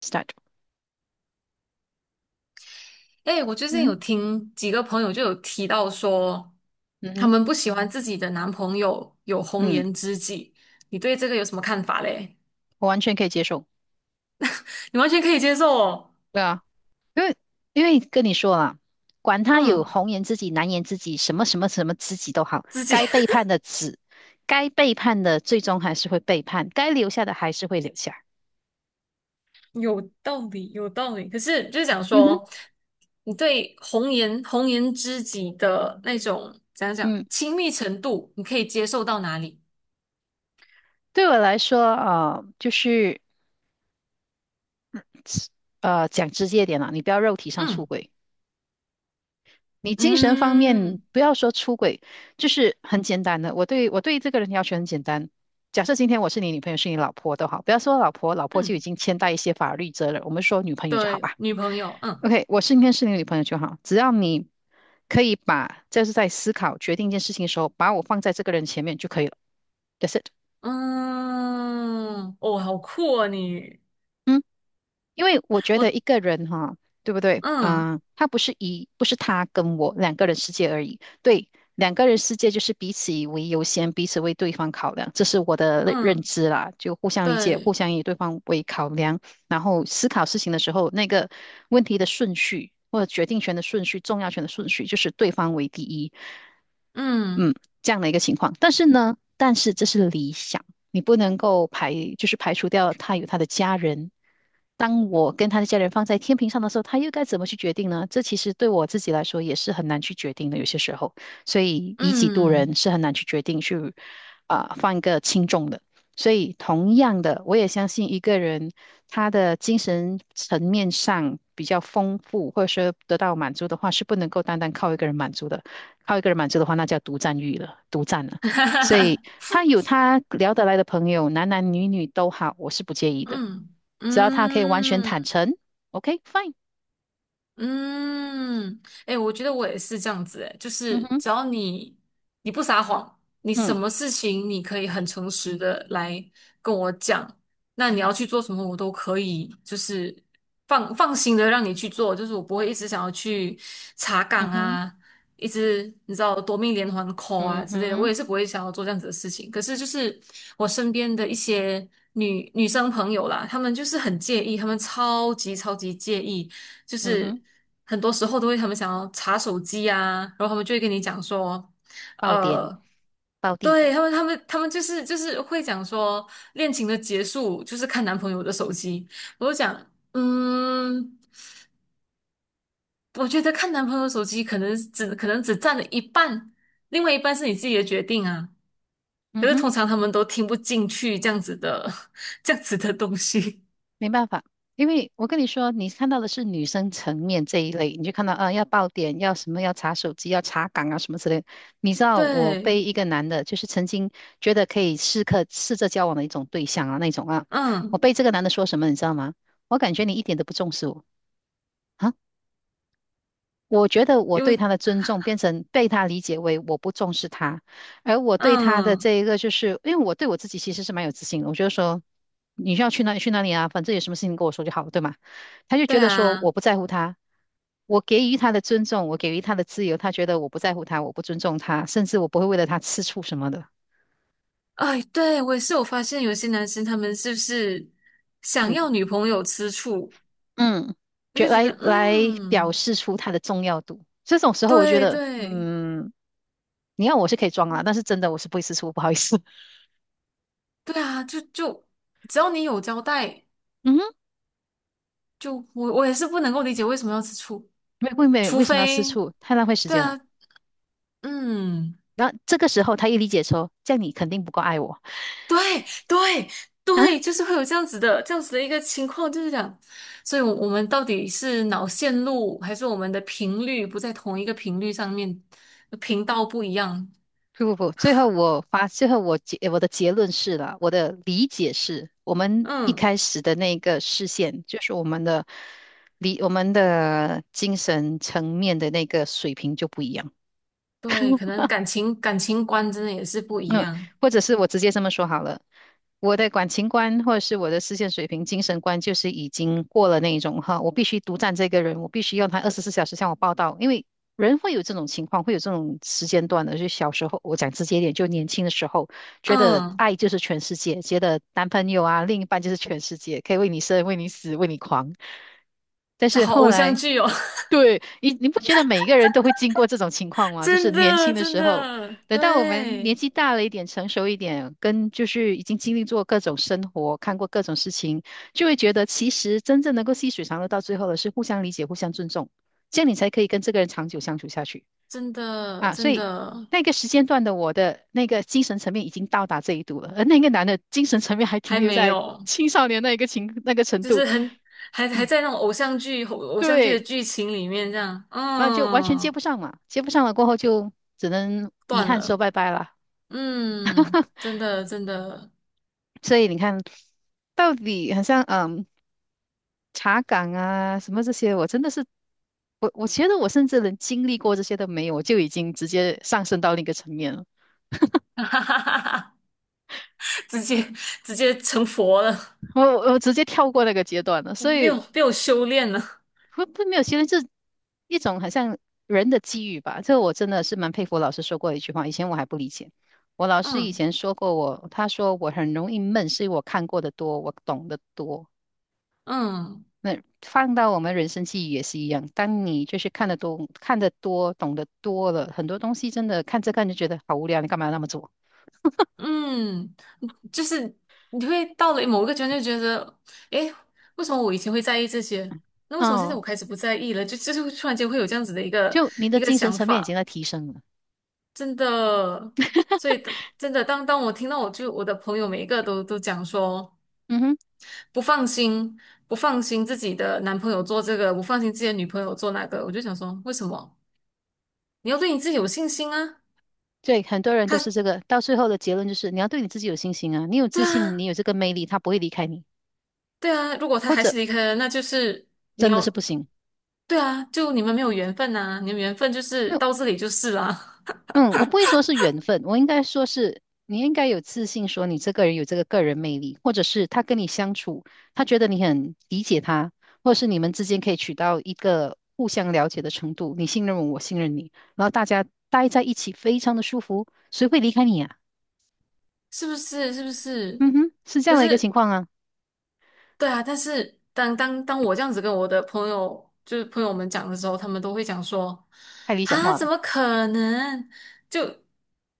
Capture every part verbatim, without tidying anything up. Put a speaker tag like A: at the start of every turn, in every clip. A: start，
B: 哎，我最近有
A: 嗯
B: 听几个朋友就有提到说，
A: 嗯
B: 他
A: 哼，
B: 们不喜欢自己的男朋友有红
A: 嗯，
B: 颜知己，你对这个有什么看法嘞？
A: 我完全可以接受。
B: 你完全可以接受哦，
A: 对啊，因为因为跟你说了，管他有
B: 嗯，
A: 红颜知己、蓝颜知己，什么什么什么知己都好，
B: 自己
A: 该背叛的子，该背叛的最终还是会背叛，该留下的还是会留下。
B: 有道理，有道理。可是就是讲
A: 嗯哼，
B: 说，你对红颜红颜知己的那种怎样讲
A: 嗯，
B: 亲密程度，你可以接受到哪里？
A: 对我来说，啊，就是呃，讲直接一点啦，你不要肉体上出
B: 嗯
A: 轨。你精神方面
B: 嗯
A: 不要说出轨，就是很简单的。我对我对这个人要求很简单。假设今天我是你女朋友，是你老婆都好，不要说老婆，老婆就已
B: 嗯，
A: 经牵带一些法律责任，我们说女朋友就好
B: 对，
A: 吧。
B: 女朋友，嗯
A: OK,我是今天是你女朋友就好，只要你可以把就是在思考决定一件事情的时候，把我放在这个人前面就可以了。That's it。
B: 嗯，哦，好酷啊你。
A: 嗯。因为我觉得
B: 我
A: 一个人哈，对不对？
B: 嗯
A: 嗯、他不是一，不是他跟我两个人世界而已。对，两个人世界就是彼此以为优先，彼此为对方考量，这是我的认认
B: 嗯，
A: 知啦。就互相理解，互
B: 对，
A: 相以对方为考量，然后思考事情的时候，那个问题的顺序或者决定权的顺序、重要权的顺序，就是对方为第一。
B: 嗯
A: 嗯，这样的一个情况。但是呢，但是这是理想，你不能够排，就是排除掉他有他的家人。当我跟他的家人放在天平上的时候，他又该怎么去决定呢？这其实对我自己来说也是很难去决定的，有些时候，所以以己度人
B: 嗯，
A: 是很难去决定去啊、放一个轻重的。所以同样的，我也相信一个人他的精神层面上比较丰富，或者说得到满足的话，是不能够单单靠一个人满足的。靠一个人满足的话，那叫独占欲了，独占了。
B: 哈哈
A: 所以
B: 哈
A: 他有他聊得来的朋友，男男女女都好，我是不介意的，
B: 嗯
A: 只要他可以完全
B: 嗯。
A: 坦诚，OK fine。
B: 嗯，哎、我觉得我也是这样子、哎，就
A: 嗯
B: 是
A: 哼，
B: 只要你你不撒谎，你什
A: 嗯
B: 么事情你可以很诚实的来跟我讲，那你要去做什么，我都可以，就是放放心的让你去做，就是我不会一直想要去查
A: 嗯
B: 岗
A: 哼，
B: 啊，一直你知道夺命连环 call
A: 嗯
B: 啊之类的，我
A: 哼，
B: 也是不会想要做这样子的事情。可是就是我身边的一些女女生朋友啦，她们就是很介意，她们超级超级介意。就
A: 嗯
B: 是
A: 哼，
B: 很多时候都会他们想要查手机啊，然后他们就会跟你讲说，
A: 爆点，
B: 呃，
A: 爆地
B: 对，
A: 点，
B: 他们他们他们就是就是会讲说恋情的结束就是看男朋友的手机，我就讲，嗯，我觉得看男朋友手机可能只可能只占了一半，另外一半是你自己的决定啊。可
A: 嗯
B: 是
A: 哼。
B: 通常他们都听不进去这样子的 这样子的东西，
A: 没办法，因为我跟你说，你看到的是女生层面这一类，你就看到啊，要爆点，要什么，要查手机，要查岗啊，什么之类的你知 道，我被
B: 对，
A: 一个男的，就是曾经觉得可以试客试着交往的一种对象啊，那种啊，我
B: 嗯，
A: 被这个男的说什么，你知道吗？我感觉你一点都不重视我啊，我觉得我
B: 因
A: 对
B: 为
A: 他的尊重变成被他理解为我不重视他，而我对他的
B: 嗯，
A: 这一个就是，因为我对我自己其实是蛮有自信的，我觉得说你需要去哪里去哪里啊，反正有什么事情跟我说就好，了，对吗？他就
B: 对
A: 觉得说我
B: 啊。
A: 不在乎他，我给予他的尊重，我给予他的自由，他觉得我不在乎他，我不尊重他，甚至我不会为了他吃醋什么的。
B: 哎，对，我也是有发现，有些男生他们是不是想
A: 嗯，
B: 要女朋友吃醋？
A: 嗯，
B: 我
A: 觉
B: 就觉
A: 来
B: 得，
A: 来表
B: 嗯，
A: 示出他的重要度。这种时候，我觉
B: 对
A: 得，
B: 对
A: 嗯，你要我是可以装啦，但是真的我是不会吃醋，不好意思。
B: 对啊，就就只要你有交代，
A: 嗯哼。
B: 就我我也是不能够理解为什么要吃醋，
A: 为为为
B: 除
A: 为什么要吃
B: 非
A: 醋？太浪费时
B: 对
A: 间了。
B: 啊，嗯，
A: 这个时候他一理解说，这样你肯定不够爱我
B: 对对
A: 啊！
B: 对，就是会有这样子的这样子的一个情况，就是讲，所以我我们到底是脑线路还是我们的频率不在同一个频率上面，频道不一样？
A: 不不不，最后我发，最后我结我的结论是了，我的理解是，我们一
B: 嗯。
A: 开始的那个视线，就是我们的理，我们的精神层面的那个水平就不一样。
B: 对，可能感情感情观真的也是不一
A: 那
B: 样。
A: 或者是我直接这么说好了，我的感情观或者是我的视线水平、精神观，就是已经过了那一种哈，我必须独占这个人，我必须要他二十四小时向我报到，因为人会有这种情况，会有这种时间段的。就小时候，我讲直接一点，就年轻的时候，觉得
B: 嗯，
A: 爱就是全世界，觉得男朋友啊、另一半就是全世界，可以为你生、为你死、为你狂。但
B: 这
A: 是
B: 好
A: 后
B: 偶像
A: 来
B: 剧哦，
A: 你你不觉得每一个人都会经过这种情况 吗？就是
B: 真
A: 年
B: 的
A: 轻的
B: 真
A: 时候，
B: 的，
A: 等到我们年
B: 对，
A: 纪大了一点、成熟一点，跟就是已经经历过各种生活、看过各种事情，就会觉得其实真正能够细水长流到最后的是互相理解、互相尊重，这样你才可以跟这个人长久相处下去
B: 真的
A: 啊。所
B: 真
A: 以
B: 的
A: 那个时间段的我的那个精神层面已经到达这一度了，而那个男的精神层面还停
B: 还
A: 留
B: 没
A: 在
B: 有，
A: 青少年那一个情那个程
B: 就
A: 度，
B: 是很还还
A: 嗯，
B: 在那种偶像剧偶偶像剧的
A: 对。
B: 剧情里面这样，
A: 那就完全接
B: 嗯，
A: 不上嘛，接不上了过后就只能遗
B: 断
A: 憾说
B: 了，
A: 拜拜了。
B: 嗯，真的真的，
A: 所以你看，到底好像嗯查岗啊什么这些，我真的是我我觉得我甚至连经历过这些都没有，我就已经直接上升到另一个层面了，
B: 哈哈哈哈，直接直接成佛了，
A: 我我直接跳过那个阶段了。所
B: 没
A: 以
B: 有被有修炼了，
A: 不不没有，其实这一种好像人的机遇吧，这我真的是蛮佩服。老师说过一句话，以前我还不理解。我老师以
B: 嗯
A: 前说过我，他说我很容易闷，是因为我看过的多，我懂得多。
B: 嗯。
A: 那放到我们人生记忆也是一样，当你就是看得多、看得多、懂得多了，很多东西真的看着看着觉得好无聊，你干嘛要那么做？
B: 嗯，就是你会到了某一个阶段就觉得，诶，为什么我以前会在意这些？那为什么现在
A: 嗯，
B: 我开始不在意了？就就是会突然间会有这样子的一个
A: 就你的
B: 一个
A: 精神
B: 想
A: 层面已经
B: 法，
A: 在提升了。
B: 真的。所以真的，当当我听到我就我的朋友每一个都都讲说
A: 嗯哼，
B: 不放心，不放心自己的男朋友做这个，不放心自己的女朋友做那个，我就想说，为什么？你要对你自己有信心啊！
A: 对，很多人都是这
B: 他
A: 个，到最后的结论就是你要对你自己有信心啊，你有
B: 对
A: 自信，你
B: 啊，
A: 有这个魅力，他不会离开你，
B: 对啊，如果他
A: 或
B: 还
A: 者
B: 是离开了，那就是你
A: 真的是
B: 要。
A: 不行。
B: 对啊，就你们没有缘分呐、你们缘分就
A: 没
B: 是
A: 有。
B: 到这里就是啦，
A: 嗯，我不会说是缘分，我应该说是你应该有自信，说你这个人有这个个人魅力，或者是他跟你相处，他觉得你很理解他，或者是你们之间可以取到一个互相了解的程度，你信任我，我信任你，然后大家待在一起非常的舒服，谁会离开你啊？
B: 是不是？是不是？
A: 嗯哼，是这
B: 可
A: 样的一个情
B: 是，
A: 况啊，
B: 对啊，但是当当当我这样子跟我的朋友，就是朋友们讲的时候，他们都会讲说，
A: 太理想
B: 啊，
A: 化
B: 怎
A: 了。
B: 么可能？就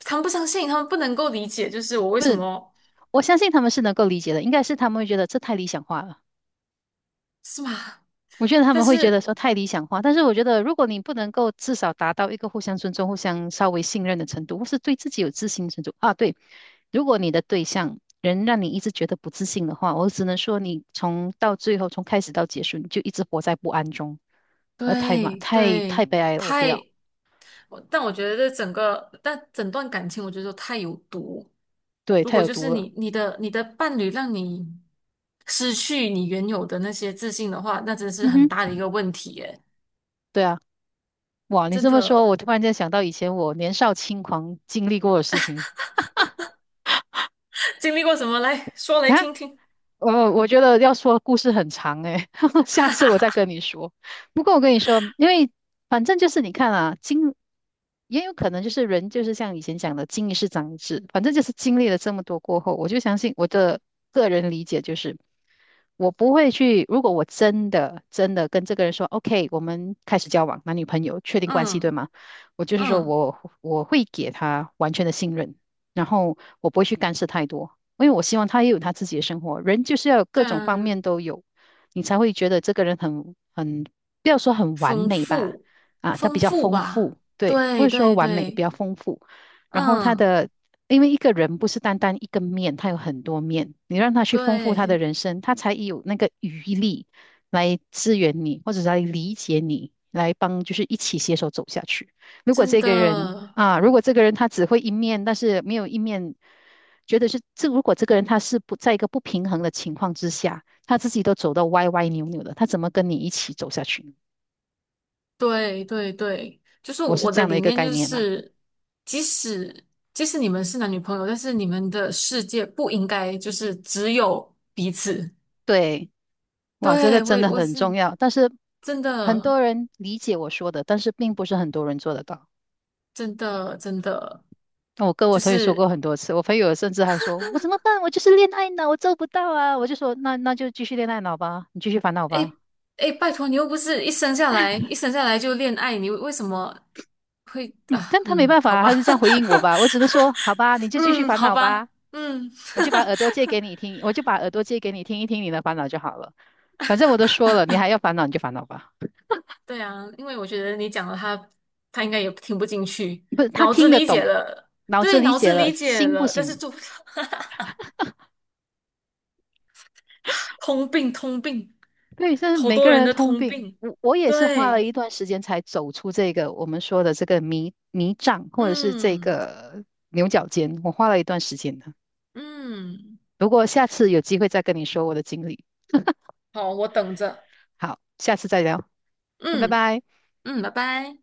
B: 他们不相信，他们不能够理解，就是我为什么
A: 我相信他们是能够理解的，应该是他们会觉得这太理想化了。
B: 是吗？
A: 我觉得他
B: 但
A: 们会觉得
B: 是，
A: 说太理想化，但是我觉得如果你不能够至少达到一个互相尊重、互相稍微信任的程度，或是对自己有自信的程度啊，对，如果你的对象人让你一直觉得不自信的话，我只能说你从到最后，从开始到结束，你就一直活在不安中，呃，太嘛，
B: 对
A: 太太
B: 对，
A: 悲哀了，我不
B: 太，
A: 要，
B: 我但我觉得这整个，但整段感情，我觉得都太有毒。
A: 对，
B: 如
A: 太
B: 果
A: 有
B: 就
A: 毒
B: 是
A: 了，
B: 你你的你的伴侣让你失去你原有的那些自信的话，那真是
A: 嗯
B: 很
A: 哼，
B: 大的一个问题耶！
A: 对啊，哇，你
B: 真
A: 这么说，我
B: 的
A: 突然间想到以前我年少轻狂经历过的事情
B: 经历过什么来说
A: 啊，
B: 来听 听。
A: 呃，我觉得要说故事很长诶、下次我再跟你说。不过我跟你说，因为反正就是你看啊，经也有可能就是人就是像以前讲的"经一事长一智"，反正就是经历了这么多过后，我就相信我的个人理解就是，我不会去，如果我真的真的跟这个人说 "OK,我们开始交往，男女朋友，确定关系，对
B: 嗯
A: 吗？"我就是说
B: 嗯，
A: 我我会给他完全的信任，然后我不会去干涉太多。因为我希望他也有他自己的生活。人就是要有各
B: 对
A: 种方
B: 啊，
A: 面都有，你才会觉得这个人很很，不要说很完
B: 丰
A: 美吧，
B: 富
A: 啊，他
B: 丰
A: 比较
B: 富
A: 丰富，
B: 吧，
A: 对，不
B: 对
A: 是说
B: 对
A: 完美，比
B: 对，
A: 较丰富。然后他
B: 嗯
A: 的，因为一个人不是单单一个面，他有很多面，你让他去丰富他的
B: 对，
A: 人生，他才有那个余力来支援你，或者是来理解你，来帮，就是一起携手走下去。如果
B: 真
A: 这个人
B: 的。
A: 啊，如果这个人他只会一面，但是没有一面。觉得是这如果这个人他是不在一个不平衡的情况之下，他自己都走到歪歪扭扭的，他怎么跟你一起走下去
B: 对对对，就是
A: 我是
B: 我
A: 这
B: 的
A: 样的
B: 理
A: 一个
B: 念
A: 概
B: 就
A: 念啦、啊
B: 是，即使即使你们是男女朋友，但是你们的世界不应该就是只有彼此。
A: 对，哇，这个
B: 对，我
A: 真
B: 也
A: 的
B: 我
A: 很重
B: 是
A: 要，但是
B: 真
A: 很
B: 的
A: 多人理解我说的，但是并不是很多人做得到。
B: 真的真的，
A: 那我跟我
B: 就
A: 朋友说过
B: 是
A: 很多次，我朋友甚至还说："我怎么办？我就是恋爱脑，我做不到啊！"我就说："那那就继续恋爱脑吧，你继续烦恼吧。
B: 诶诶，拜托你又不是一生下来一生下来就恋爱，你为什么会 啊？
A: 但他没
B: 嗯，
A: 办法
B: 好
A: 啊，
B: 吧，
A: 他就这样回应我吧。我只能说："好吧，你 就继续
B: 嗯，
A: 烦
B: 好
A: 恼吧。"
B: 吧，嗯。
A: 我就把耳朵借给你听，我就把耳朵借给你听一听你的烦恼就好了。反正我都说了，你还要烦恼你就烦恼吧。
B: 对啊，因为我觉得你讲了他，他应该也听不进去，
A: 不是，他
B: 脑子
A: 听得
B: 理解
A: 懂，
B: 了，
A: 脑子
B: 对，
A: 理
B: 脑
A: 解
B: 子
A: 了，
B: 理解
A: 心不
B: 了，但是
A: 行。
B: 就 通病，通病，
A: 对，这是
B: 好
A: 每
B: 多
A: 个人
B: 人
A: 的
B: 的
A: 通
B: 通
A: 病。
B: 病，
A: 我我也是花了
B: 对，
A: 一段时间才走出这个我们说的这个迷迷障，或者是这
B: 嗯
A: 个牛角尖，我花了一段时间的。
B: 嗯，
A: 不过下次有机会再跟你说我的经历。
B: 好，我等着，
A: 好，下次再聊，那拜
B: 嗯
A: 拜。
B: 嗯，拜拜。